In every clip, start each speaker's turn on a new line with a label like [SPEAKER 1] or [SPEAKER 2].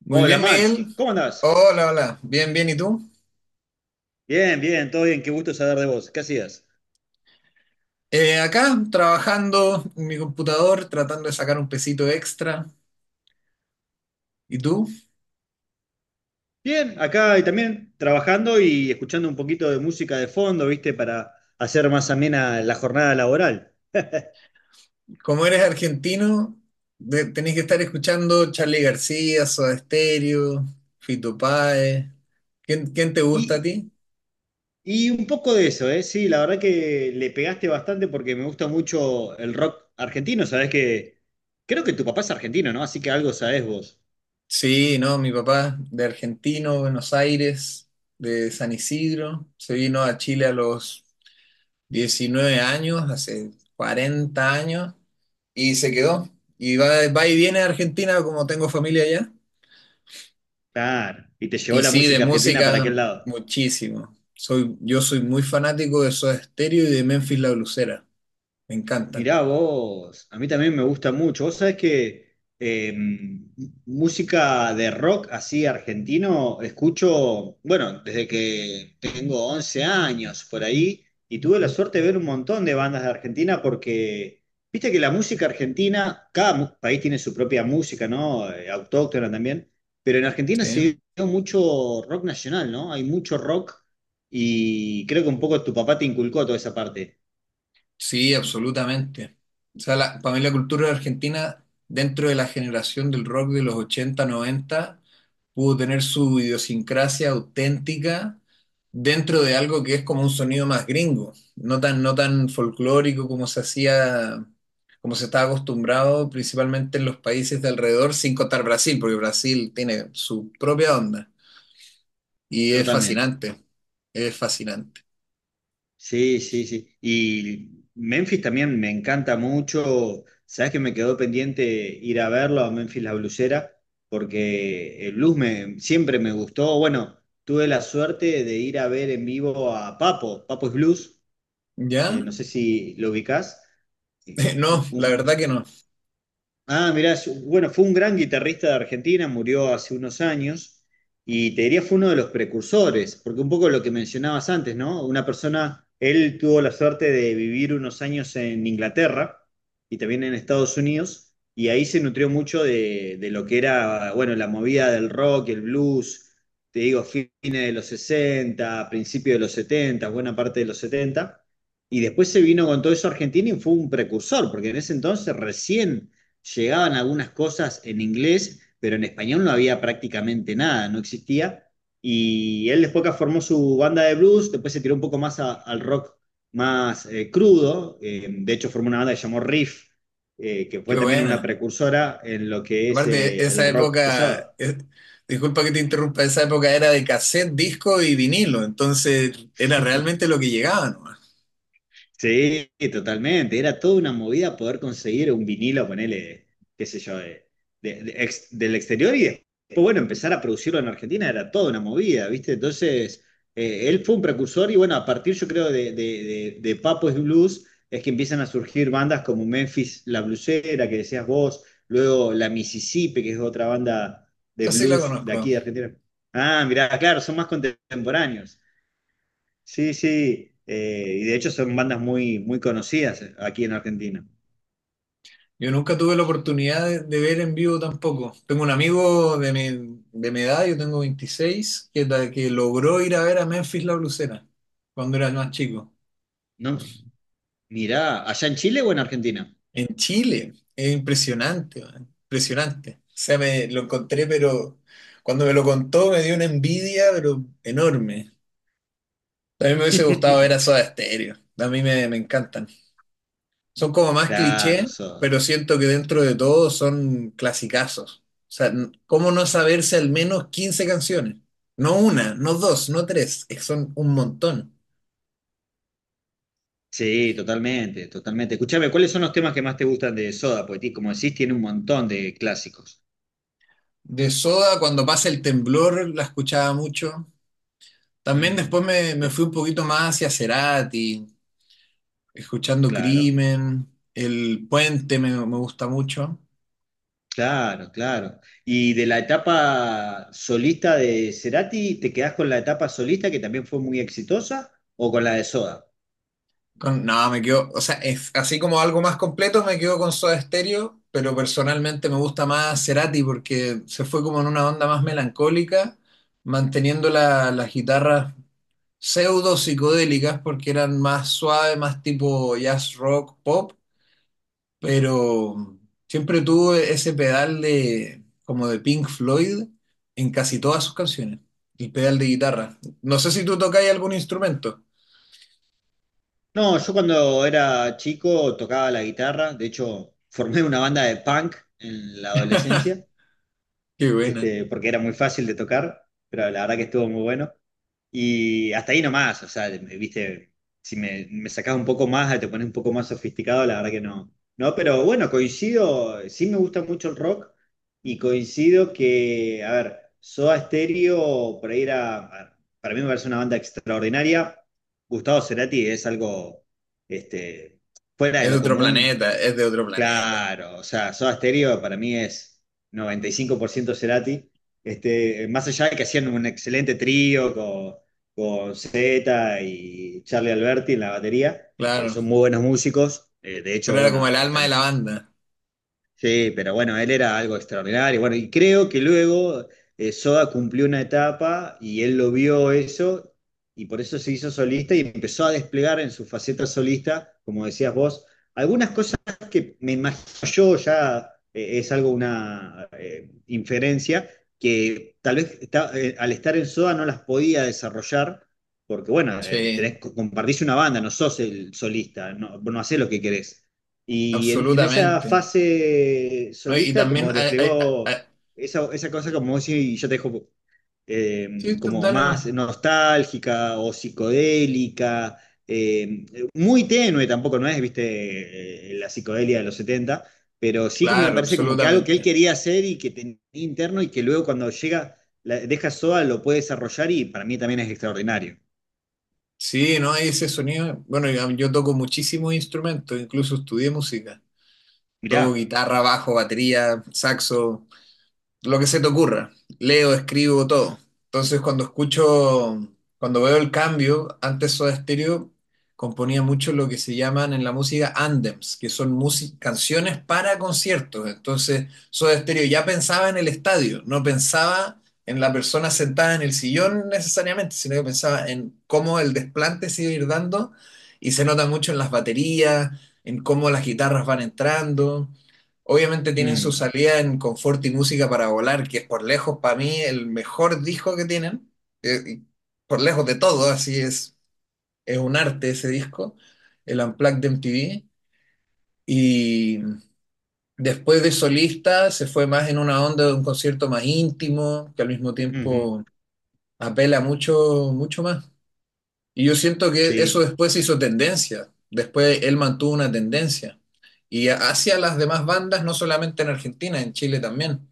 [SPEAKER 1] Muy
[SPEAKER 2] Hola
[SPEAKER 1] bien,
[SPEAKER 2] Max,
[SPEAKER 1] Miguel.
[SPEAKER 2] ¿cómo andás?
[SPEAKER 1] Hola, hola. Bien, bien. ¿Y tú?
[SPEAKER 2] Bien, bien, todo bien, qué gusto saber de vos. ¿Qué hacías?
[SPEAKER 1] Acá, trabajando en mi computador, tratando de sacar un pesito extra. ¿Y tú?
[SPEAKER 2] Bien, acá y también trabajando y escuchando un poquito de música de fondo, ¿viste? Para hacer más amena la jornada laboral.
[SPEAKER 1] Como eres argentino, tenés que estar escuchando Charly García, Soda Stereo, Fito Páez. ¿Quién te gusta a
[SPEAKER 2] Y,
[SPEAKER 1] ti?
[SPEAKER 2] y un poco de eso, ¿eh? Sí, la verdad que le pegaste bastante porque me gusta mucho el rock argentino, sabés que creo que tu papá es argentino, ¿no? Así que algo sabés vos.
[SPEAKER 1] Sí, no, mi papá de argentino, Buenos Aires, de San Isidro, se vino a Chile a los 19 años, hace 40 años, y se quedó. Y va, va y viene a Argentina, como tengo familia allá.
[SPEAKER 2] Claro, y te llevó
[SPEAKER 1] Y
[SPEAKER 2] la
[SPEAKER 1] sí, de
[SPEAKER 2] música argentina para
[SPEAKER 1] música,
[SPEAKER 2] aquel lado.
[SPEAKER 1] muchísimo. Yo soy muy fanático de Soda Stereo y de Memphis La Blusera. Me encantan.
[SPEAKER 2] Mirá vos, a mí también me gusta mucho. Vos sabés que música de rock así argentino escucho, bueno, desde que tengo 11 años por ahí, y tuve la suerte de ver un montón de bandas de Argentina porque, viste que la música argentina, país tiene su propia música, ¿no? Autóctona también, pero en Argentina
[SPEAKER 1] ¿Sí?
[SPEAKER 2] se dio mucho rock nacional, ¿no? Hay mucho rock y creo que un poco tu papá te inculcó toda esa parte,
[SPEAKER 1] Sí, absolutamente. O sea, para mí la cultura argentina, dentro de la generación del rock de los 80 90 pudo tener su idiosincrasia auténtica dentro de algo que es como un sonido más gringo, no tan, no tan folclórico como se hacía, como se estaba acostumbrado principalmente en los países de alrededor, sin contar Brasil, porque Brasil tiene su propia onda y es
[SPEAKER 2] totalmente.
[SPEAKER 1] fascinante, es fascinante.
[SPEAKER 2] Sí, sí, sí. Y Memphis también me encanta mucho. Sabes que me quedó pendiente ir a verlo a Memphis la Blusera, porque el blues me, siempre me gustó. Bueno, tuve la suerte de ir a ver en vivo a Papo. Papo es blues.
[SPEAKER 1] ¿Ya?
[SPEAKER 2] No sé si lo ubicás.
[SPEAKER 1] No, la
[SPEAKER 2] Un,
[SPEAKER 1] verdad que no.
[SPEAKER 2] Ah, mirá, bueno, fue un gran guitarrista de Argentina, murió hace unos años y te diría fue uno de los precursores, porque un poco lo que mencionabas antes, ¿no? Una persona, él tuvo la suerte de vivir unos años en Inglaterra y también en Estados Unidos y ahí se nutrió mucho de lo que era, bueno, la movida del rock, el blues, te digo, fines de los 60, principios de los 70, buena parte de los setenta. Y después se vino con todo eso a Argentina y fue un precursor, porque en ese entonces recién llegaban algunas cosas en inglés, pero en español no había prácticamente nada, no existía. Y él después que formó su banda de blues, después se tiró un poco más al rock más crudo. De hecho, formó una banda que se llamó Riff, que
[SPEAKER 1] Qué
[SPEAKER 2] fue también una
[SPEAKER 1] buena.
[SPEAKER 2] precursora en lo que es
[SPEAKER 1] Aparte, esa
[SPEAKER 2] el rock pesado.
[SPEAKER 1] época, disculpa que te interrumpa, esa época era de cassette, disco y vinilo, entonces era realmente lo que llegaba nomás.
[SPEAKER 2] Sí, totalmente. Era toda una movida poder conseguir un vinilo, ponele, qué sé yo, del exterior y después, bueno, empezar a producirlo en Argentina era toda una movida, ¿viste? Entonces, él fue un precursor y bueno, a partir yo creo de Papo es Blues es que empiezan a surgir bandas como Memphis La Blusera, que decías vos, luego La Mississippi, que es otra banda de
[SPEAKER 1] Esa sí la
[SPEAKER 2] blues de
[SPEAKER 1] conozco.
[SPEAKER 2] aquí de Argentina. Ah, mirá, claro, son más contemporáneos. Sí, sí, y de hecho son bandas muy, muy conocidas aquí en Argentina.
[SPEAKER 1] Yo nunca tuve la oportunidad de ver en vivo tampoco. Tengo un amigo de de mi edad, yo tengo 26, que logró ir a ver a Memphis La Blusera cuando era más chico.
[SPEAKER 2] No, mirá, ¿allá en Chile o en Argentina?
[SPEAKER 1] En Chile, es impresionante, man, impresionante. O sea, me lo encontré, pero cuando me lo contó me dio una envidia, pero enorme. A mí me hubiese gustado ver a Soda Stereo. A mí me encantan. Son como más cliché,
[SPEAKER 2] Claro, Soda.
[SPEAKER 1] pero siento que dentro de todo son clasicazos. O sea, ¿cómo no saberse al menos 15 canciones? No una, no dos, no tres. Es que son un montón.
[SPEAKER 2] Sí, totalmente, totalmente. Escuchame, ¿cuáles son los temas que más te gustan de Soda? Porque, como decís, tiene un montón de clásicos.
[SPEAKER 1] De Soda, cuando pasa el temblor, la escuchaba mucho. También
[SPEAKER 2] Mm,
[SPEAKER 1] después me
[SPEAKER 2] te-
[SPEAKER 1] fui un poquito más hacia Cerati, escuchando
[SPEAKER 2] claro,
[SPEAKER 1] Crimen. El Puente me gusta mucho.
[SPEAKER 2] claro, claro. Y de la etapa solista de Cerati, ¿te quedás con la etapa solista que también fue muy exitosa o con la de Soda?
[SPEAKER 1] No, me quedo, o sea, es, así como algo más completo me quedo con Soda Stereo, pero personalmente me gusta más Cerati porque se fue como en una onda más melancólica, manteniendo las guitarras pseudo psicodélicas porque eran más suaves, más tipo jazz rock, pop, pero siempre tuvo ese pedal de como de Pink Floyd en casi todas sus canciones, el pedal de guitarra. No sé si tú tocáis algún instrumento.
[SPEAKER 2] No, yo cuando era chico tocaba la guitarra, de hecho formé una banda de punk en la adolescencia,
[SPEAKER 1] Qué buena.
[SPEAKER 2] este, porque era muy fácil de tocar, pero la verdad que estuvo muy bueno. Y hasta ahí nomás, o sea, viste, si me, me sacás un poco más, te pones un poco más sofisticado, la verdad que no. No, pero bueno, coincido, sí me gusta mucho el rock y coincido que, a ver, Soda Stereo, por ahí era, a ver, para mí me parece una banda extraordinaria. Gustavo Cerati es algo, este, fuera
[SPEAKER 1] Es
[SPEAKER 2] de
[SPEAKER 1] de
[SPEAKER 2] lo
[SPEAKER 1] otro
[SPEAKER 2] común,
[SPEAKER 1] planeta, es de otro planeta.
[SPEAKER 2] claro, o sea, Soda Stereo para mí es 95% Cerati. Este, más allá de que hacían un excelente trío con Zeta y Charlie Alberti en la batería.
[SPEAKER 1] Claro.
[SPEAKER 2] Son muy buenos músicos. De
[SPEAKER 1] Pero
[SPEAKER 2] hecho,
[SPEAKER 1] era como
[SPEAKER 2] bueno,
[SPEAKER 1] el alma de la banda.
[SPEAKER 2] sí, pero bueno, él era algo extraordinario. Bueno, y creo que luego Soda cumplió una etapa y él lo vio eso y por eso se hizo solista y empezó a desplegar en su faceta solista, como decías vos, algunas cosas que me imagino yo ya es algo, una inferencia, que al estar en Soda no las podía desarrollar. Porque bueno,
[SPEAKER 1] Sí,
[SPEAKER 2] tenés, compartís una banda, no sos el solista, no, no hacés lo que querés. Y en esa
[SPEAKER 1] absolutamente.
[SPEAKER 2] fase
[SPEAKER 1] ¿No? Y
[SPEAKER 2] solista,
[SPEAKER 1] también
[SPEAKER 2] como
[SPEAKER 1] hay-
[SPEAKER 2] desplegó esa cosa, como si yo te dejo
[SPEAKER 1] sí, tú
[SPEAKER 2] como
[SPEAKER 1] dale nomás.
[SPEAKER 2] más nostálgica o psicodélica, eh, muy tenue tampoco, no es, viste, la psicodelia de los 70 pero sí me
[SPEAKER 1] Claro,
[SPEAKER 2] parece como que algo que él
[SPEAKER 1] absolutamente.
[SPEAKER 2] quería hacer y que tenía interno y que luego cuando llega, la, deja Soda, lo puede desarrollar y para mí también es extraordinario.
[SPEAKER 1] Sí, ¿no? Y ese sonido. Bueno, yo toco muchísimos instrumentos, incluso estudié música. Toco
[SPEAKER 2] Mirá.
[SPEAKER 1] guitarra, bajo, batería, saxo. Lo que se te ocurra. Leo, escribo todo. Entonces, cuando escucho, cuando veo el cambio, antes Soda Stereo componía mucho lo que se llaman en la música anthems, que son canciones para conciertos. Entonces, Soda Stereo ya pensaba en el estadio, no pensaba en la persona sentada en el sillón necesariamente, sino que pensaba en cómo el desplante se iba a ir dando y se nota mucho en las baterías, en cómo las guitarras van entrando. Obviamente tienen su
[SPEAKER 2] Mm,
[SPEAKER 1] salida en Confort y Música para Volar, que es por lejos para mí el mejor disco que tienen, y por lejos de todo, así es un arte ese disco, el Unplugged de MTV. Y después de solista se fue más en una onda de un concierto más íntimo, que al mismo
[SPEAKER 2] ujú,
[SPEAKER 1] tiempo apela mucho, mucho más. Y yo siento que eso
[SPEAKER 2] sí.
[SPEAKER 1] después se hizo tendencia, después él mantuvo una tendencia. Y hacia las demás bandas, no solamente en Argentina, en Chile también.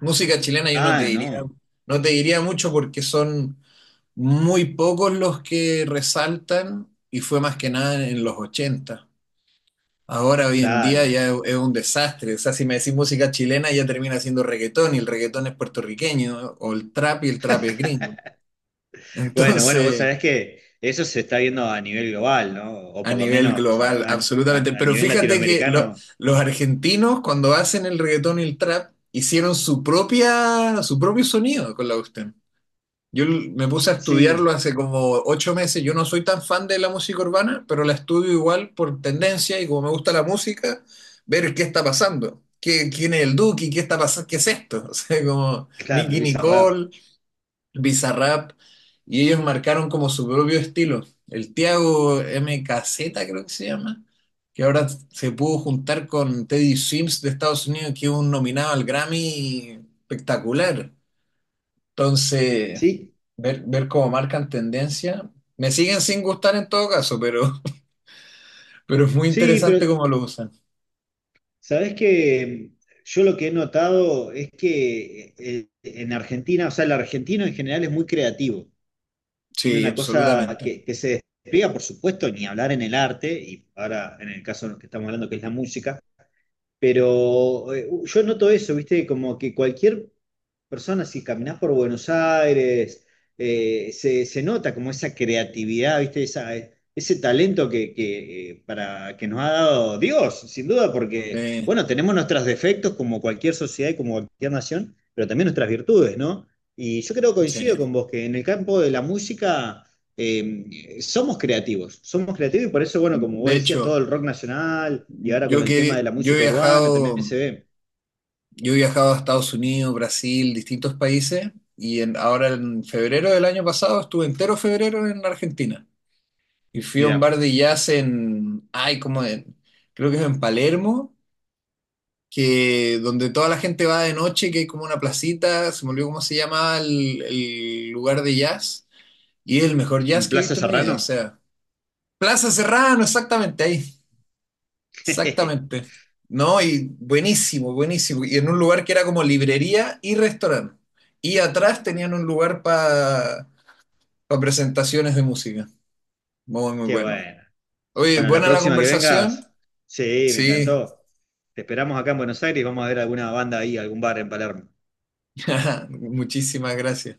[SPEAKER 1] Música chilena yo no te
[SPEAKER 2] Ah,
[SPEAKER 1] diría,
[SPEAKER 2] no,
[SPEAKER 1] no te diría mucho porque son muy pocos los que resaltan y fue más que nada en los 80. Ahora, hoy en día
[SPEAKER 2] claro.
[SPEAKER 1] ya es un desastre. O sea, si me decís música chilena ya termina siendo reggaetón y el reggaetón es puertorriqueño, ¿no? O el trap, y el trap es gringo.
[SPEAKER 2] Bueno, bueno, vos
[SPEAKER 1] Entonces,
[SPEAKER 2] sabés que eso se está viendo a nivel global, ¿no? O
[SPEAKER 1] a
[SPEAKER 2] por lo
[SPEAKER 1] nivel
[SPEAKER 2] menos a,
[SPEAKER 1] global, absolutamente.
[SPEAKER 2] a
[SPEAKER 1] Pero
[SPEAKER 2] nivel
[SPEAKER 1] fíjate que
[SPEAKER 2] latinoamericano.
[SPEAKER 1] los argentinos cuando hacen el reggaetón y el trap hicieron su propia, su propio sonido con la voz. Me puse a
[SPEAKER 2] Sí,
[SPEAKER 1] estudiarlo hace como 8 meses. Yo no soy tan fan de la música urbana, pero la estudio igual por tendencia y como me gusta la música, ver qué está pasando. ¿Qué, quién es el Duki? ¿Qué está pasando? ¿Qué es esto? O sea, como
[SPEAKER 2] claro,
[SPEAKER 1] Nicki
[SPEAKER 2] Bizarrap.
[SPEAKER 1] Nicole, Bizarrap, y ellos marcaron como su propio estilo. El Tiago MKZ, creo que se llama, que ahora se pudo juntar con Teddy Sims de Estados Unidos, que es un nominado al Grammy espectacular. Entonces.
[SPEAKER 2] Sí,
[SPEAKER 1] Ver, ver cómo marcan tendencia. Me siguen sin gustar en todo caso, pero, pero es muy
[SPEAKER 2] sí, pero
[SPEAKER 1] interesante cómo lo usan.
[SPEAKER 2] sabés que yo lo que he notado es que en Argentina, o sea, el argentino en general es muy creativo. Tiene
[SPEAKER 1] Sí,
[SPEAKER 2] una cosa
[SPEAKER 1] absolutamente.
[SPEAKER 2] que se despliega, por supuesto, ni hablar en el arte, y ahora en el caso en el que estamos hablando, que es la música. Pero yo noto eso, ¿viste? Como que cualquier personas, si caminás por Buenos Aires, se nota como esa creatividad, ¿viste? Esa, ese talento que nos ha dado Dios, sin duda, porque,
[SPEAKER 1] Sí,
[SPEAKER 2] bueno, tenemos nuestros defectos como cualquier sociedad y como cualquier nación, pero también nuestras virtudes, ¿no? Y yo creo, coincido
[SPEAKER 1] sí.
[SPEAKER 2] con vos, que en el campo de la música... somos creativos y por eso, bueno, como
[SPEAKER 1] De
[SPEAKER 2] vos decías,
[SPEAKER 1] hecho,
[SPEAKER 2] todo el rock nacional y ahora con
[SPEAKER 1] yo
[SPEAKER 2] el tema de
[SPEAKER 1] que
[SPEAKER 2] la
[SPEAKER 1] yo he
[SPEAKER 2] música urbana también
[SPEAKER 1] viajado,
[SPEAKER 2] se ve.
[SPEAKER 1] yo he viajado a Estados Unidos, Brasil, distintos países, y ahora en febrero del año pasado estuve entero febrero en Argentina. Y fui a un
[SPEAKER 2] Mira,
[SPEAKER 1] bar de jazz en, ay, como en, creo que es en Palermo. Que donde toda la gente va de noche, que hay como una placita, se me olvidó cómo se llamaba el lugar de jazz, y es el mejor jazz que he
[SPEAKER 2] Plaza
[SPEAKER 1] visto en mi vida, o
[SPEAKER 2] Serrano.
[SPEAKER 1] sea, Plaza Serrano, exactamente ahí, exactamente. No, y buenísimo, buenísimo. Y en un lugar que era como librería y restaurante. Y atrás tenían un lugar para presentaciones de música. Muy, muy
[SPEAKER 2] Qué
[SPEAKER 1] bueno.
[SPEAKER 2] bueno.
[SPEAKER 1] Oye,
[SPEAKER 2] Bueno, la
[SPEAKER 1] buena la
[SPEAKER 2] próxima que
[SPEAKER 1] conversación.
[SPEAKER 2] vengas, sí, me
[SPEAKER 1] Sí,
[SPEAKER 2] encantó. Te esperamos acá en Buenos Aires y vamos a ver alguna banda ahí, algún bar en Palermo.
[SPEAKER 1] muchísimas gracias.